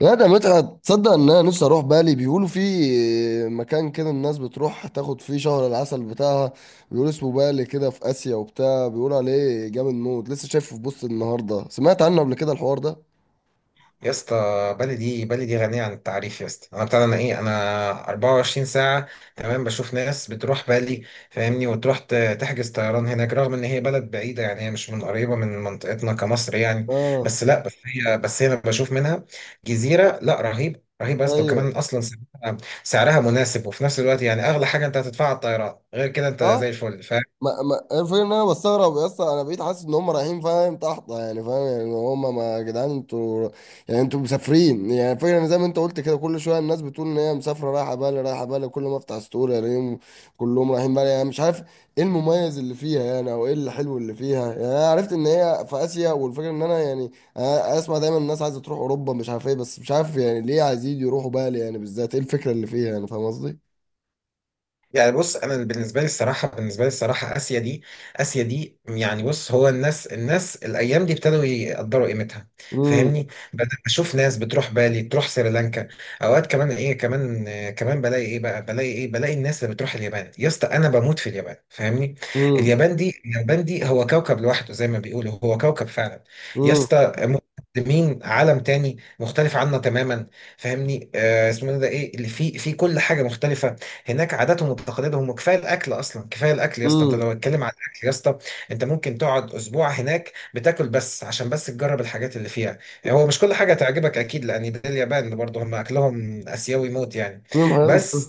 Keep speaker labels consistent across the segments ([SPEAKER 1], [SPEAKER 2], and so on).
[SPEAKER 1] لا ده متعة. تصدق ان انا نفسي اروح بالي؟ بيقولوا في مكان كده الناس بتروح تاخد فيه شهر العسل بتاعها، بيقولوا اسمه بالي كده في اسيا وبتاع، بيقولوا عليه جامد موت. لسه شايفه في بوست النهارده، سمعت عنه قبل كده الحوار ده.
[SPEAKER 2] يا اسطى، بلدي غنية عن التعريف يا اسطى. انا بتاع انا ايه انا 24 ساعة تمام بشوف ناس بتروح بالي، فاهمني؟ وتروح تحجز طيران هناك، رغم ان هي بلد بعيدة. يعني هي مش من قريبة من منطقتنا كمصر يعني.
[SPEAKER 1] اه.
[SPEAKER 2] بس هي انا بشوف منها جزيرة. لا، رهيب رهيب يا اسطى. وكمان
[SPEAKER 1] ايوه.
[SPEAKER 2] اصلا سعرها مناسب، وفي نفس الوقت يعني اغلى حاجة انت هتدفعها على الطيران، غير كده انت زي
[SPEAKER 1] اه،
[SPEAKER 2] الفل.
[SPEAKER 1] ما الفكرة ان انا بستغرب يا اسطى، انا بقيت حاسس ان هم رايحين، فاهم؟ تحت يعني، فاهم يعني؟ هم ما، يا جدعان انتوا يعني، انتوا مسافرين؟ يعني الفكرة ان زي ما انت قلت كده، كل شوية الناس بتقول ان هي مسافرة رايحة بالي، رايحة بالي. كل ما افتح ستوري الاقيهم كلهم رايحين بالي، يعني مش عارف ايه المميز اللي فيها يعني، او ايه الحلو اللي فيها يعني. انا عرفت ان هي في اسيا، والفكرة ان انا يعني أنا اسمع دايما الناس عايزة تروح اوروبا مش عارف ايه، بس مش عارف يعني ليه عايزين يروحوا بالي يعني بالذات، ايه الفكرة اللي فيها يعني، فاهم قصدي؟
[SPEAKER 2] يعني بص، انا بالنسبه لي الصراحه اسيا دي يعني بص، هو الناس الايام دي ابتدوا يقدروا قيمتها،
[SPEAKER 1] امم.
[SPEAKER 2] فاهمني؟ بدأت اشوف ناس بتروح بالي، تروح سريلانكا. اوقات كمان ايه كمان كمان بلاقي ايه بقى، بلاقي ايه، بلاقي الناس اللي بتروح اليابان. يا اسطى، انا بموت في اليابان، فاهمني؟
[SPEAKER 1] امم.
[SPEAKER 2] اليابان دي هو كوكب لوحده، زي ما بيقولوا هو كوكب فعلا يا اسطى. مقدمين عالم تاني مختلف عنا تماما، فاهمني؟ اسمه ده ايه اللي فيه، في كل حاجه مختلفه هناك. عاداتهم وتقاليدهم، وكفايه الاكل، اصلا كفايه الاكل يا اسطى. انت
[SPEAKER 1] امم.
[SPEAKER 2] لو اتكلم على الاكل يا اسطى، انت ممكن تقعد اسبوع هناك بتاكل، بس عشان بس تجرب الحاجات اللي فيها. يعني هو مش كل حاجه تعجبك اكيد، لان ده اليابان برضه، هم اكلهم اسيوي موت يعني.
[SPEAKER 1] امم.
[SPEAKER 2] بس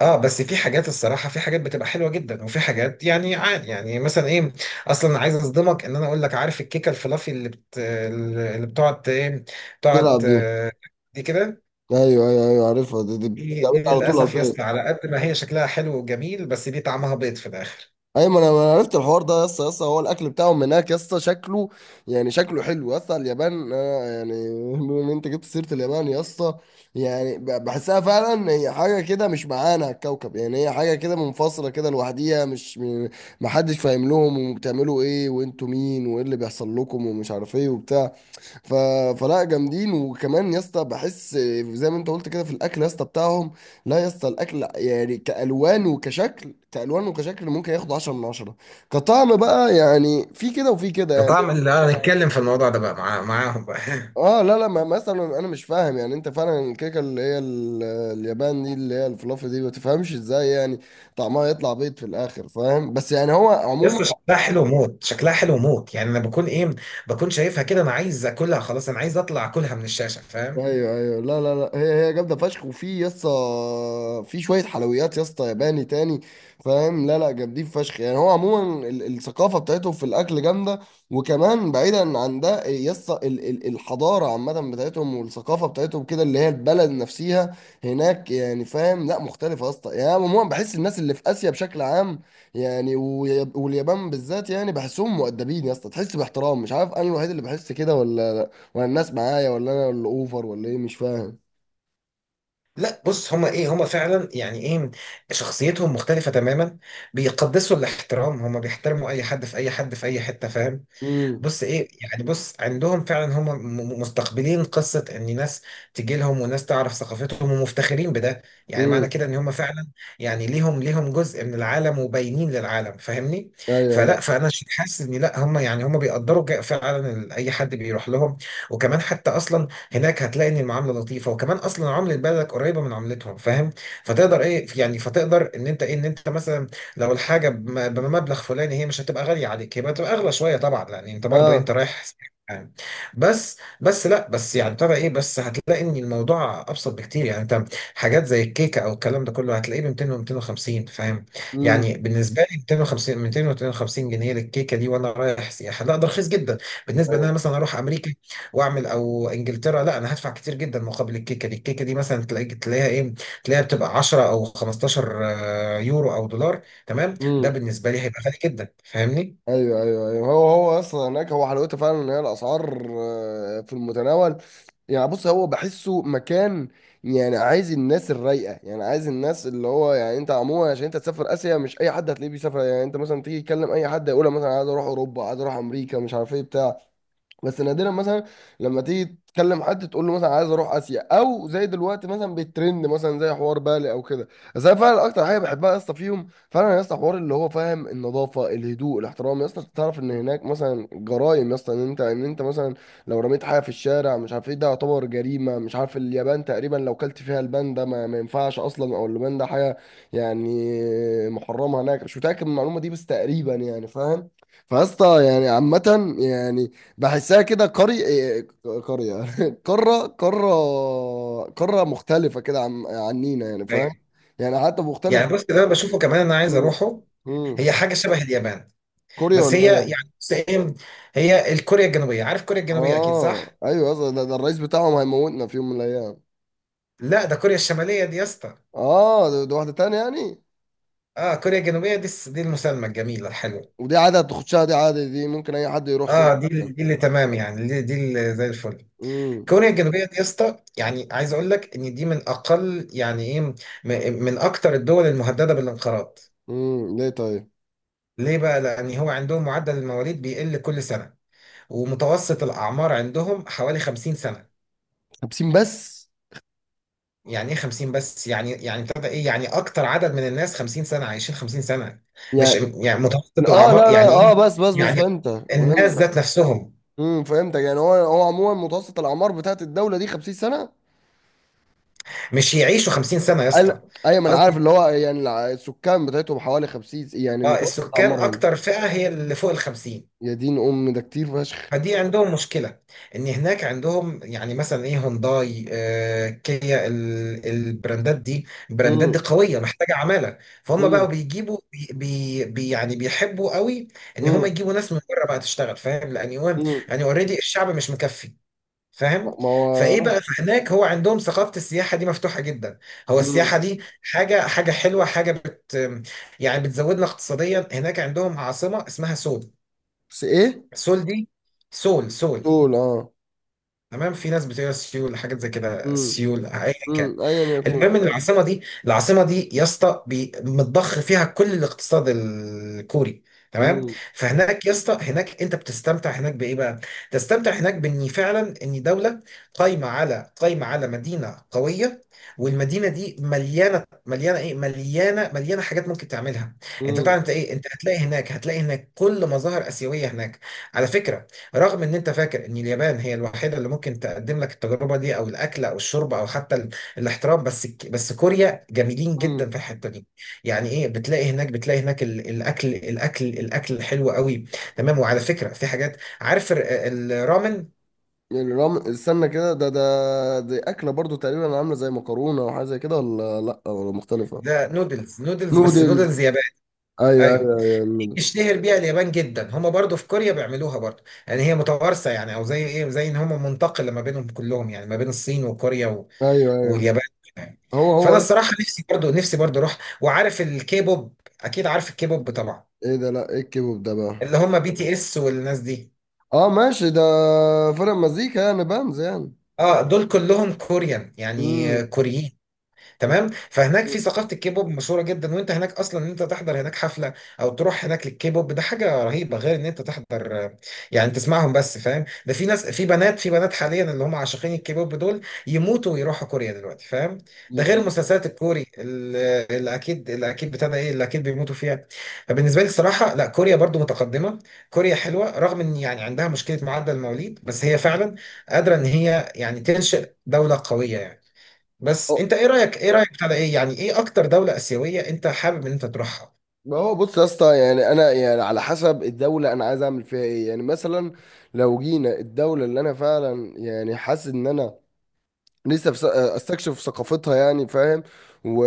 [SPEAKER 2] اه، بس في حاجات، الصراحه في حاجات بتبقى حلوه جدا، وفي حاجات يعني عادي. يعني مثلا ايه، اصلا عايز اصدمك، ان انا اقول لك عارف الكيكه الفلافي اللي اللي بتقعد ايه، بتقعد
[SPEAKER 1] تلعب دي.
[SPEAKER 2] دي كده؟
[SPEAKER 1] ايوه ايوه ايوه، عارفها دي، دي
[SPEAKER 2] دي
[SPEAKER 1] بتتعمل
[SPEAKER 2] دي
[SPEAKER 1] على طول على
[SPEAKER 2] للأسف يا
[SPEAKER 1] الفيس.
[SPEAKER 2] اسطى، على قد ما هي شكلها حلو وجميل، بس دي طعمها بيض في الآخر.
[SPEAKER 1] ايوه، ما أنا عرفت الحوار ده يا اسطى. يا اسطى، هو الاكل بتاعهم هناك يا اسطى شكله، يعني شكله حلو يا اسطى. اليابان آه، يعني بما ان انت جبت سيره اليابان يا اسطى، يعني بحسها فعلا هي حاجه كده مش معانا على الكوكب، يعني هي حاجه كده منفصله كده لوحديها، مش م- ما حدش فاهم لهم، وبتعملوا ايه وانتوا مين وايه اللي بيحصل لكم ومش عارف ايه وبتاع. ف... فلا، جامدين. وكمان يا اسطى، بحس زي ما انت قلت كده في الاكل يا اسطى بتاعهم. لا يا اسطى، الاكل يعني كالوان وكشكل، كالوان وكشكل ممكن ياخد 10 من 10، كطعم بقى يعني في كده وفي كده يعني.
[SPEAKER 2] كطعم اللي هنتكلم في الموضوع ده بقى معاهم بقى
[SPEAKER 1] اه، لا لا، ما مثلا انا مش فاهم يعني انت فعلا الكيكه اللي هي اليابان دي، اللي هي الفلافل دي، ما تفهمش ازاي يعني طعمها يطلع بيض في الاخر، فاهم؟ بس يعني هو
[SPEAKER 2] يا
[SPEAKER 1] عموما
[SPEAKER 2] اسطى شكلها حلو موت، شكلها حلو موت. يعني أنا بكون إيه، بكون شايفها كده، أنا عايز أكلها، خلاص أنا عايز أطلع أكلها من الشاشة، فاهم؟
[SPEAKER 1] ايوه ايوه. لا لا لا، هي هي جامده فشخ. وفي يسطا في شويه حلويات يسطا ياباني تاني، فاهم؟ لا لا، جامدين فشخ. يعني هو عموما الثقافه بتاعتهم في الاكل جامده. وكمان بعيدا عن ده يسطا، الحضاره عامه بتاعتهم والثقافه بتاعتهم كده، اللي هي البلد نفسها هناك، يعني فاهم؟ لا مختلفه يسطا. يعني أنا عموما بحس الناس اللي في اسيا بشكل عام يعني، واليابان بالذات، يعني بحسهم مؤدبين يسطا، تحس باحترام. مش عارف انا الوحيد اللي بحس كده ولا ولا الناس معايا، ولا انا اللي اوفر، ولا ايه مش فاهم.
[SPEAKER 2] لا بص، هما فعلا يعني ايه، شخصيتهم مختلفة تماما. بيقدسوا الاحترام، هما بيحترموا اي حد، في اي حد في اي حتة، فاهم؟
[SPEAKER 1] امم.
[SPEAKER 2] بص ايه يعني، بص عندهم فعلا، هم مستقبلين قصه ان ناس تجي لهم، وناس تعرف ثقافتهم ومفتخرين بده. يعني معنى
[SPEAKER 1] امم.
[SPEAKER 2] كده ان هم فعلا يعني ليهم جزء من العالم، وباينين للعالم، فاهمني؟
[SPEAKER 1] ايوه ايوه.
[SPEAKER 2] فلا، فانا حاسس ان لا، هم يعني هم بيقدروا فعلا اي حد بيروح لهم. وكمان حتى اصلا هناك هتلاقي ان المعامله لطيفه، وكمان اصلا عمله بلدك قريبه من عملتهم، فاهم؟ فتقدر ايه يعني، فتقدر ان انت ايه، ان انت مثلا لو الحاجة بمبلغ فلاني، هي مش هتبقى غالية عليك، هي بتبقى أغلى شوية طبعا، لأن أنت برضو أنت
[SPEAKER 1] اه.
[SPEAKER 2] رايح يعني. بس بس لا بس يعني ابتدى إيه، بس هتلاقي إن الموضوع أبسط بكتير. يعني أنت حاجات زي الكيكة أو الكلام ده كله هتلاقيه ب 200 و 250 فاهم؟
[SPEAKER 1] امم.
[SPEAKER 2] يعني بالنسبة لي، 250 200 و 250 جنيه للكيكة دي وأنا رايح سياحة، لا ده رخيص جدا. بالنسبة إن
[SPEAKER 1] ايوه.
[SPEAKER 2] أنا مثلا أروح أمريكا وأعمل، أو إنجلترا، لا أنا هدفع كتير جدا مقابل الكيكة دي. الكيكة دي مثلا تلاقيها إيه، تلاقيها بتبقى 10 أو 15 يورو أو دولار. تمام، ده
[SPEAKER 1] امم.
[SPEAKER 2] بالنسبه لي هيبقى غالي جدا، فاهمني؟
[SPEAKER 1] ايوه ايوه ايوه، هو هو اصلا هناك هو حلاوته فعلا ان هي الاسعار آه، في المتناول. يعني بص هو بحسه مكان يعني عايز الناس الرايقه، يعني عايز الناس اللي هو يعني، انت عموما عشان انت تسافر اسيا مش اي حد هتلاقيه بيسافر. يعني انت مثلا تيجي تكلم اي حد يقول لك مثلا عايز اروح اوروبا، عايز اروح امريكا، مش عارف ايه بتاع. بس نادرا مثلا لما تيجي تكلم حد تقول له مثلا عايز اروح اسيا، او زي دلوقتي مثلا بيترند مثلا زي حوار بالي او كده. بس انا فعلا اكتر حاجه بحبها يا اسطى فيهم فعلا يا اسطى، حوار اللي هو فاهم، النظافه، الهدوء، الاحترام. يا اسطى أنت تعرف ان هناك مثلا جرائم يا اسطى، ان انت ان انت مثلا لو رميت حاجه في الشارع مش عارف ايه ده يعتبر جريمه، مش عارف. اليابان تقريبا لو كلت فيها البان ده ما ينفعش اصلا، او البان ده حاجه يعني محرمه هناك. مش متاكد من المعلومه دي بس تقريبا يعني، فاهم؟ فيا اسطى يعني عامة، يعني بحسها كده قرية، قرية قارة، قارة، قارة مختلفة كده عن عنينا يعني،
[SPEAKER 2] ايوه
[SPEAKER 1] فاهم؟ يعني حتى مختلفة.
[SPEAKER 2] يعني، بص ده أنا بشوفه كمان، انا عايز
[SPEAKER 1] مم.
[SPEAKER 2] اروحه. هي
[SPEAKER 1] مم.
[SPEAKER 2] حاجه شبه اليابان،
[SPEAKER 1] كوريا
[SPEAKER 2] بس
[SPEAKER 1] ولا
[SPEAKER 2] هي
[SPEAKER 1] ايه؟
[SPEAKER 2] يعني بص ايه، هي الكوريا الجنوبيه، عارف كوريا الجنوبيه اكيد
[SPEAKER 1] اه
[SPEAKER 2] صح.
[SPEAKER 1] ايوه، أصلاً ده، ده الرئيس بتاعهم هيموتنا في يوم من الايام.
[SPEAKER 2] لا، ده كوريا الشماليه دي يا اسطى.
[SPEAKER 1] اه ده، ده واحدة تانية يعني.
[SPEAKER 2] اه كوريا الجنوبيه دي، دي المسالمه الجميله الحلوه.
[SPEAKER 1] ودي عادة تخشها، دي عادة دي ممكن اي حد يروح سياحة.
[SPEAKER 2] اه،
[SPEAKER 1] يعني.
[SPEAKER 2] دي اللي تمام يعني، دي اللي زي الفل.
[SPEAKER 1] امم.
[SPEAKER 2] كوريا الجنوبيه دي يا اسطى، يعني عايز اقول لك ان دي من اقل يعني ايه، من اكتر الدول المهدده بالانقراض.
[SPEAKER 1] ليه طيب؟
[SPEAKER 2] ليه بقى؟ لان هو عندهم معدل المواليد بيقل كل سنه. ومتوسط الأعمار عندهم حوالي 50 سنة.
[SPEAKER 1] خمسين بس؟
[SPEAKER 2] يعني إيه 50 بس يعني، يعني ابتدى إيه، يعني أكتر عدد من الناس 50 سنة، عايشين 50 سنة، مش
[SPEAKER 1] يعني
[SPEAKER 2] يعني متوسط
[SPEAKER 1] اه
[SPEAKER 2] الأعمار
[SPEAKER 1] لا لا،
[SPEAKER 2] يعني
[SPEAKER 1] اه
[SPEAKER 2] إيه،
[SPEAKER 1] بس بس بس
[SPEAKER 2] يعني
[SPEAKER 1] فهمت.
[SPEAKER 2] الناس
[SPEAKER 1] فهمت.
[SPEAKER 2] ذات نفسهم
[SPEAKER 1] امم، فهمتك. يعني هو هو عموما متوسط الاعمار بتاعت الدوله دي 50 سنه.
[SPEAKER 2] مش يعيشوا 50 سنة يا
[SPEAKER 1] قال
[SPEAKER 2] اسطى.
[SPEAKER 1] ايوه، ما انا عارف
[SPEAKER 2] قصدي،
[SPEAKER 1] اللي هو يعني السكان بتاعتهم حوالي 50 يعني
[SPEAKER 2] اه
[SPEAKER 1] متوسط
[SPEAKER 2] السكان
[SPEAKER 1] اعمارهم.
[SPEAKER 2] أكتر فئة هي اللي فوق ال 50.
[SPEAKER 1] يا دين ام ده كتير فشخ.
[SPEAKER 2] فدي عندهم مشكلة، ان هناك عندهم يعني مثلا ايه، هونداي كيا، البراندات دي، البراندات دي
[SPEAKER 1] امم.
[SPEAKER 2] قوية محتاجة عمالة. فهم بقوا
[SPEAKER 1] امم.
[SPEAKER 2] بيجيبوا يعني بيحبوا قوي ان هم
[SPEAKER 1] امم.
[SPEAKER 2] يجيبوا ناس من بره بقى تشتغل، فاهم؟ لان يوم
[SPEAKER 1] امم.
[SPEAKER 2] يعني اوريدي الشعب مش مكفي، فاهم؟
[SPEAKER 1] ما
[SPEAKER 2] فايه بقى،
[SPEAKER 1] هو
[SPEAKER 2] فهناك هو عندهم ثقافة السياحة دي مفتوحة جدا. هو
[SPEAKER 1] امم.
[SPEAKER 2] السياحة دي حاجة حاجة حلوة، حاجة بت يعني بتزودنا اقتصاديا. هناك عندهم عاصمة اسمها سول.
[SPEAKER 1] بس ايه
[SPEAKER 2] سول دي سول سول
[SPEAKER 1] طول اه.
[SPEAKER 2] تمام. في ناس بتقرا سيول، حاجات زي كده،
[SPEAKER 1] امم.
[SPEAKER 2] سيول ايا كان.
[SPEAKER 1] ايا يكون.
[SPEAKER 2] المهم ان العاصمه دي يا اسطى متضخ فيها كل الاقتصاد الكوري، تمام.
[SPEAKER 1] امم.
[SPEAKER 2] فهناك يا اسطى، هناك انت بتستمتع هناك بايه بقى، تستمتع هناك بان فعلا ان دوله قايمه على مدينه قويه. والمدينه دي مليانه مليانه ايه مليانه مليانه حاجات ممكن تعملها. انت طبعا
[SPEAKER 1] امم.
[SPEAKER 2] انت ايه انت هتلاقي هناك كل مظاهر اسيويه هناك، على فكره. رغم ان انت فاكر ان اليابان هي الوحيده اللي ممكن تقدم لك التجربه دي، او الاكل او الشرب او حتى الاحترام، بس كوريا جميلين جدا
[SPEAKER 1] امم.
[SPEAKER 2] في الحته دي. يعني ايه، بتلاقي هناك، الاكل حلو قوي. تمام، وعلى فكره في حاجات، عارف الرامن؟
[SPEAKER 1] الرم استنى كده، ده ده دي اكله برضو تقريبا عامله زي مكرونه او حاجه زي كده، ولا لا ولا مختلفه؟
[SPEAKER 2] ده نودلز، نودلز بس
[SPEAKER 1] نودل.
[SPEAKER 2] نودلز يابان.
[SPEAKER 1] ايوه ايوه
[SPEAKER 2] ايوه،
[SPEAKER 1] ايوه النودل.
[SPEAKER 2] اشتهر بيها اليابان جدا. هما برضو في كوريا بيعملوها برضو، يعني هي متوارثه يعني، او زي ايه، زي ان هما منتقله ما بينهم كلهم، يعني ما بين الصين وكوريا
[SPEAKER 1] ايوه. ايوه.
[SPEAKER 2] واليابان يعني.
[SPEAKER 1] هو
[SPEAKER 2] فانا
[SPEAKER 1] هو.
[SPEAKER 2] الصراحه نفسي برضو اروح. وعارف الكيبوب اكيد، عارف الكيبوب طبعا،
[SPEAKER 1] ايه ده؟ لا ايه الكيبوب ده بقى؟
[SPEAKER 2] اللي هم بي تي اس والناس دي.
[SPEAKER 1] اه ماشي ده فرق مزيكا يعني، بانز يعني.
[SPEAKER 2] اه دول كلهم كوريان يعني
[SPEAKER 1] امم.
[SPEAKER 2] كوريين. تمام، فهناك في ثقافه الكيبوب مشهوره جدا. وانت هناك اصلا، ان انت تحضر هناك حفله او تروح هناك للكيبوب، ده حاجه رهيبه، غير ان انت تحضر آه، يعني تسمعهم بس، فاهم؟ ده في ناس، في بنات حاليا اللي هم عاشقين الكيبوب دول، يموتوا ويروحوا كوريا دلوقتي، فاهم؟ ده غير
[SPEAKER 1] جديد.
[SPEAKER 2] مسلسلات الكوري، اللي اللي اكيد اللي اكيد بتاع ده ايه، اللي اكيد بيموتوا فيها. فبالنسبه لي الصراحه لا، كوريا برضو متقدمه، كوريا حلوه، رغم ان يعني عندها مشكله معدل المواليد، بس هي فعلا قادره ان هي يعني تنشئ دوله قويه يعني. بس
[SPEAKER 1] أه،
[SPEAKER 2] انت ايه رايك، بتاع ده ايه يعني، ايه اكتر دوله اسيويه انت حابب ان انت تروحها؟
[SPEAKER 1] ما هو بص يا اسطى، يعني انا يعني على حسب الدوله انا عايز اعمل فيها ايه. يعني مثلا لو جينا الدوله اللي انا فعلا يعني حاسس ان انا استكشف ثقافتها يعني، فاهم؟ و...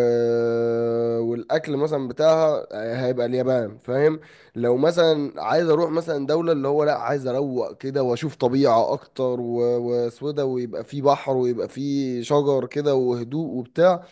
[SPEAKER 1] والاكل مثلا بتاعها آه، هيبقى اليابان، فاهم؟ لو مثلا عايز اروح مثلا دولة اللي هو لا عايز اروق كده واشوف طبيعة اكتر وسوده، ويبقى فيه بحر ويبقى فيه شجر كده وهدوء وبتاع،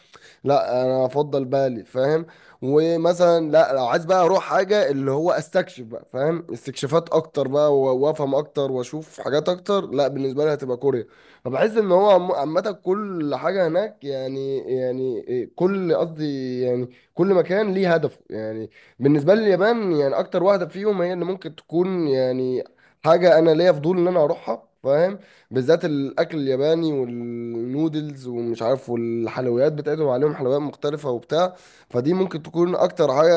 [SPEAKER 1] لا انا افضل بالي، فاهم؟ ومثلا لا، لو عايز بقى اروح حاجه اللي هو استكشف بقى، فاهم، استكشافات اكتر بقى، وافهم اكتر واشوف حاجات اكتر، لا بالنسبه لي هتبقى كوريا. فبحس ان هو عامه كل حاجه هناك يعني، يعني إيه، كل قصدي يعني كل مكان ليه هدفه يعني. بالنسبه لي اليابان يعني اكتر واحده فيهم هي اللي ممكن تكون يعني حاجه انا ليا فضول ان انا اروحها، فاهم؟ بالذات الاكل الياباني والنودلز ومش عارف، والحلويات بتاعتهم عليهم حلويات مختلفة وبتاع. فدي ممكن تكون اكتر حاجة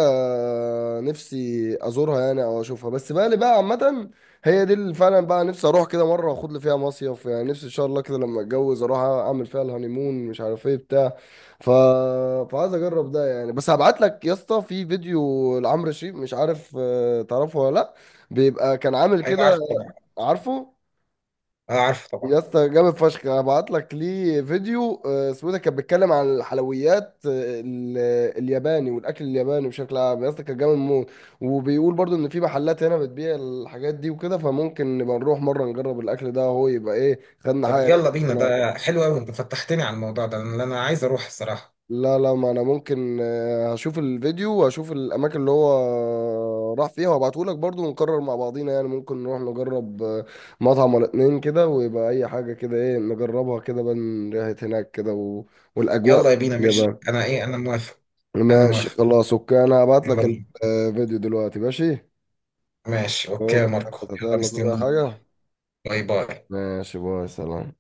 [SPEAKER 1] نفسي ازورها يعني او اشوفها. بس بالي بقى عامة، هي دي اللي فعلا بقى نفسي اروح كده مرة واخد لي فيها مصيف. يعني نفسي ان شاء الله كده لما اتجوز اروح اعمل فيها الهانيمون، مش عارف ايه بتاع. ف... فعايز اجرب ده يعني. بس هبعت لك يا اسطى في فيديو لعمرو شريف، مش عارف آه، تعرفه ولا لا؟ بيبقى كان عامل
[SPEAKER 2] ايوه
[SPEAKER 1] كده.
[SPEAKER 2] عارف طبعا،
[SPEAKER 1] عارفه؟
[SPEAKER 2] اه عارف طبعا.
[SPEAKER 1] يا اسطى جامد فشخ، انا بعت لك ليه فيديو آه، سويدة كانت بتتكلم عن الحلويات آه، ال- الياباني والاكل الياباني بشكل عام يا اسطى، كان جامد موت. وبيقول برضو ان في محلات هنا بتبيع الحاجات دي وكده، فممكن نبقى نروح مره نجرب الاكل ده، هو يبقى ايه خدنا
[SPEAKER 2] طب
[SPEAKER 1] حاجه
[SPEAKER 2] يلا بينا،
[SPEAKER 1] هناك.
[SPEAKER 2] ده حلو قوي، انت فتحتني على الموضوع ده، لان انا عايز اروح الصراحه.
[SPEAKER 1] لا لا، ما انا ممكن آه، هشوف الفيديو واشوف الاماكن اللي هو راح فيها وابعته لك برضو، ونقرر مع بعضينا يعني، ممكن نروح نجرب آه، مطعم ولا اتنين كده، ويبقى اي حاجة كده ايه نجربها كده بقى، من ريحة هناك كده و... والاجواء
[SPEAKER 2] يلا يا بينا،
[SPEAKER 1] اللي
[SPEAKER 2] ماشي،
[SPEAKER 1] بقى.
[SPEAKER 2] انا ايه، انا موافق، انا
[SPEAKER 1] ماشي
[SPEAKER 2] موافق،
[SPEAKER 1] خلاص، اوكي، انا هبعت
[SPEAKER 2] يلا
[SPEAKER 1] لك
[SPEAKER 2] بينا.
[SPEAKER 1] الفيديو دلوقتي. ماشي،
[SPEAKER 2] ماشي اوكي يا
[SPEAKER 1] اوكي.
[SPEAKER 2] ماركو، يلا
[SPEAKER 1] يلا تقول أي
[SPEAKER 2] مستنيك.
[SPEAKER 1] حاجة.
[SPEAKER 2] باي باي.
[SPEAKER 1] ماشي، باي، سلام.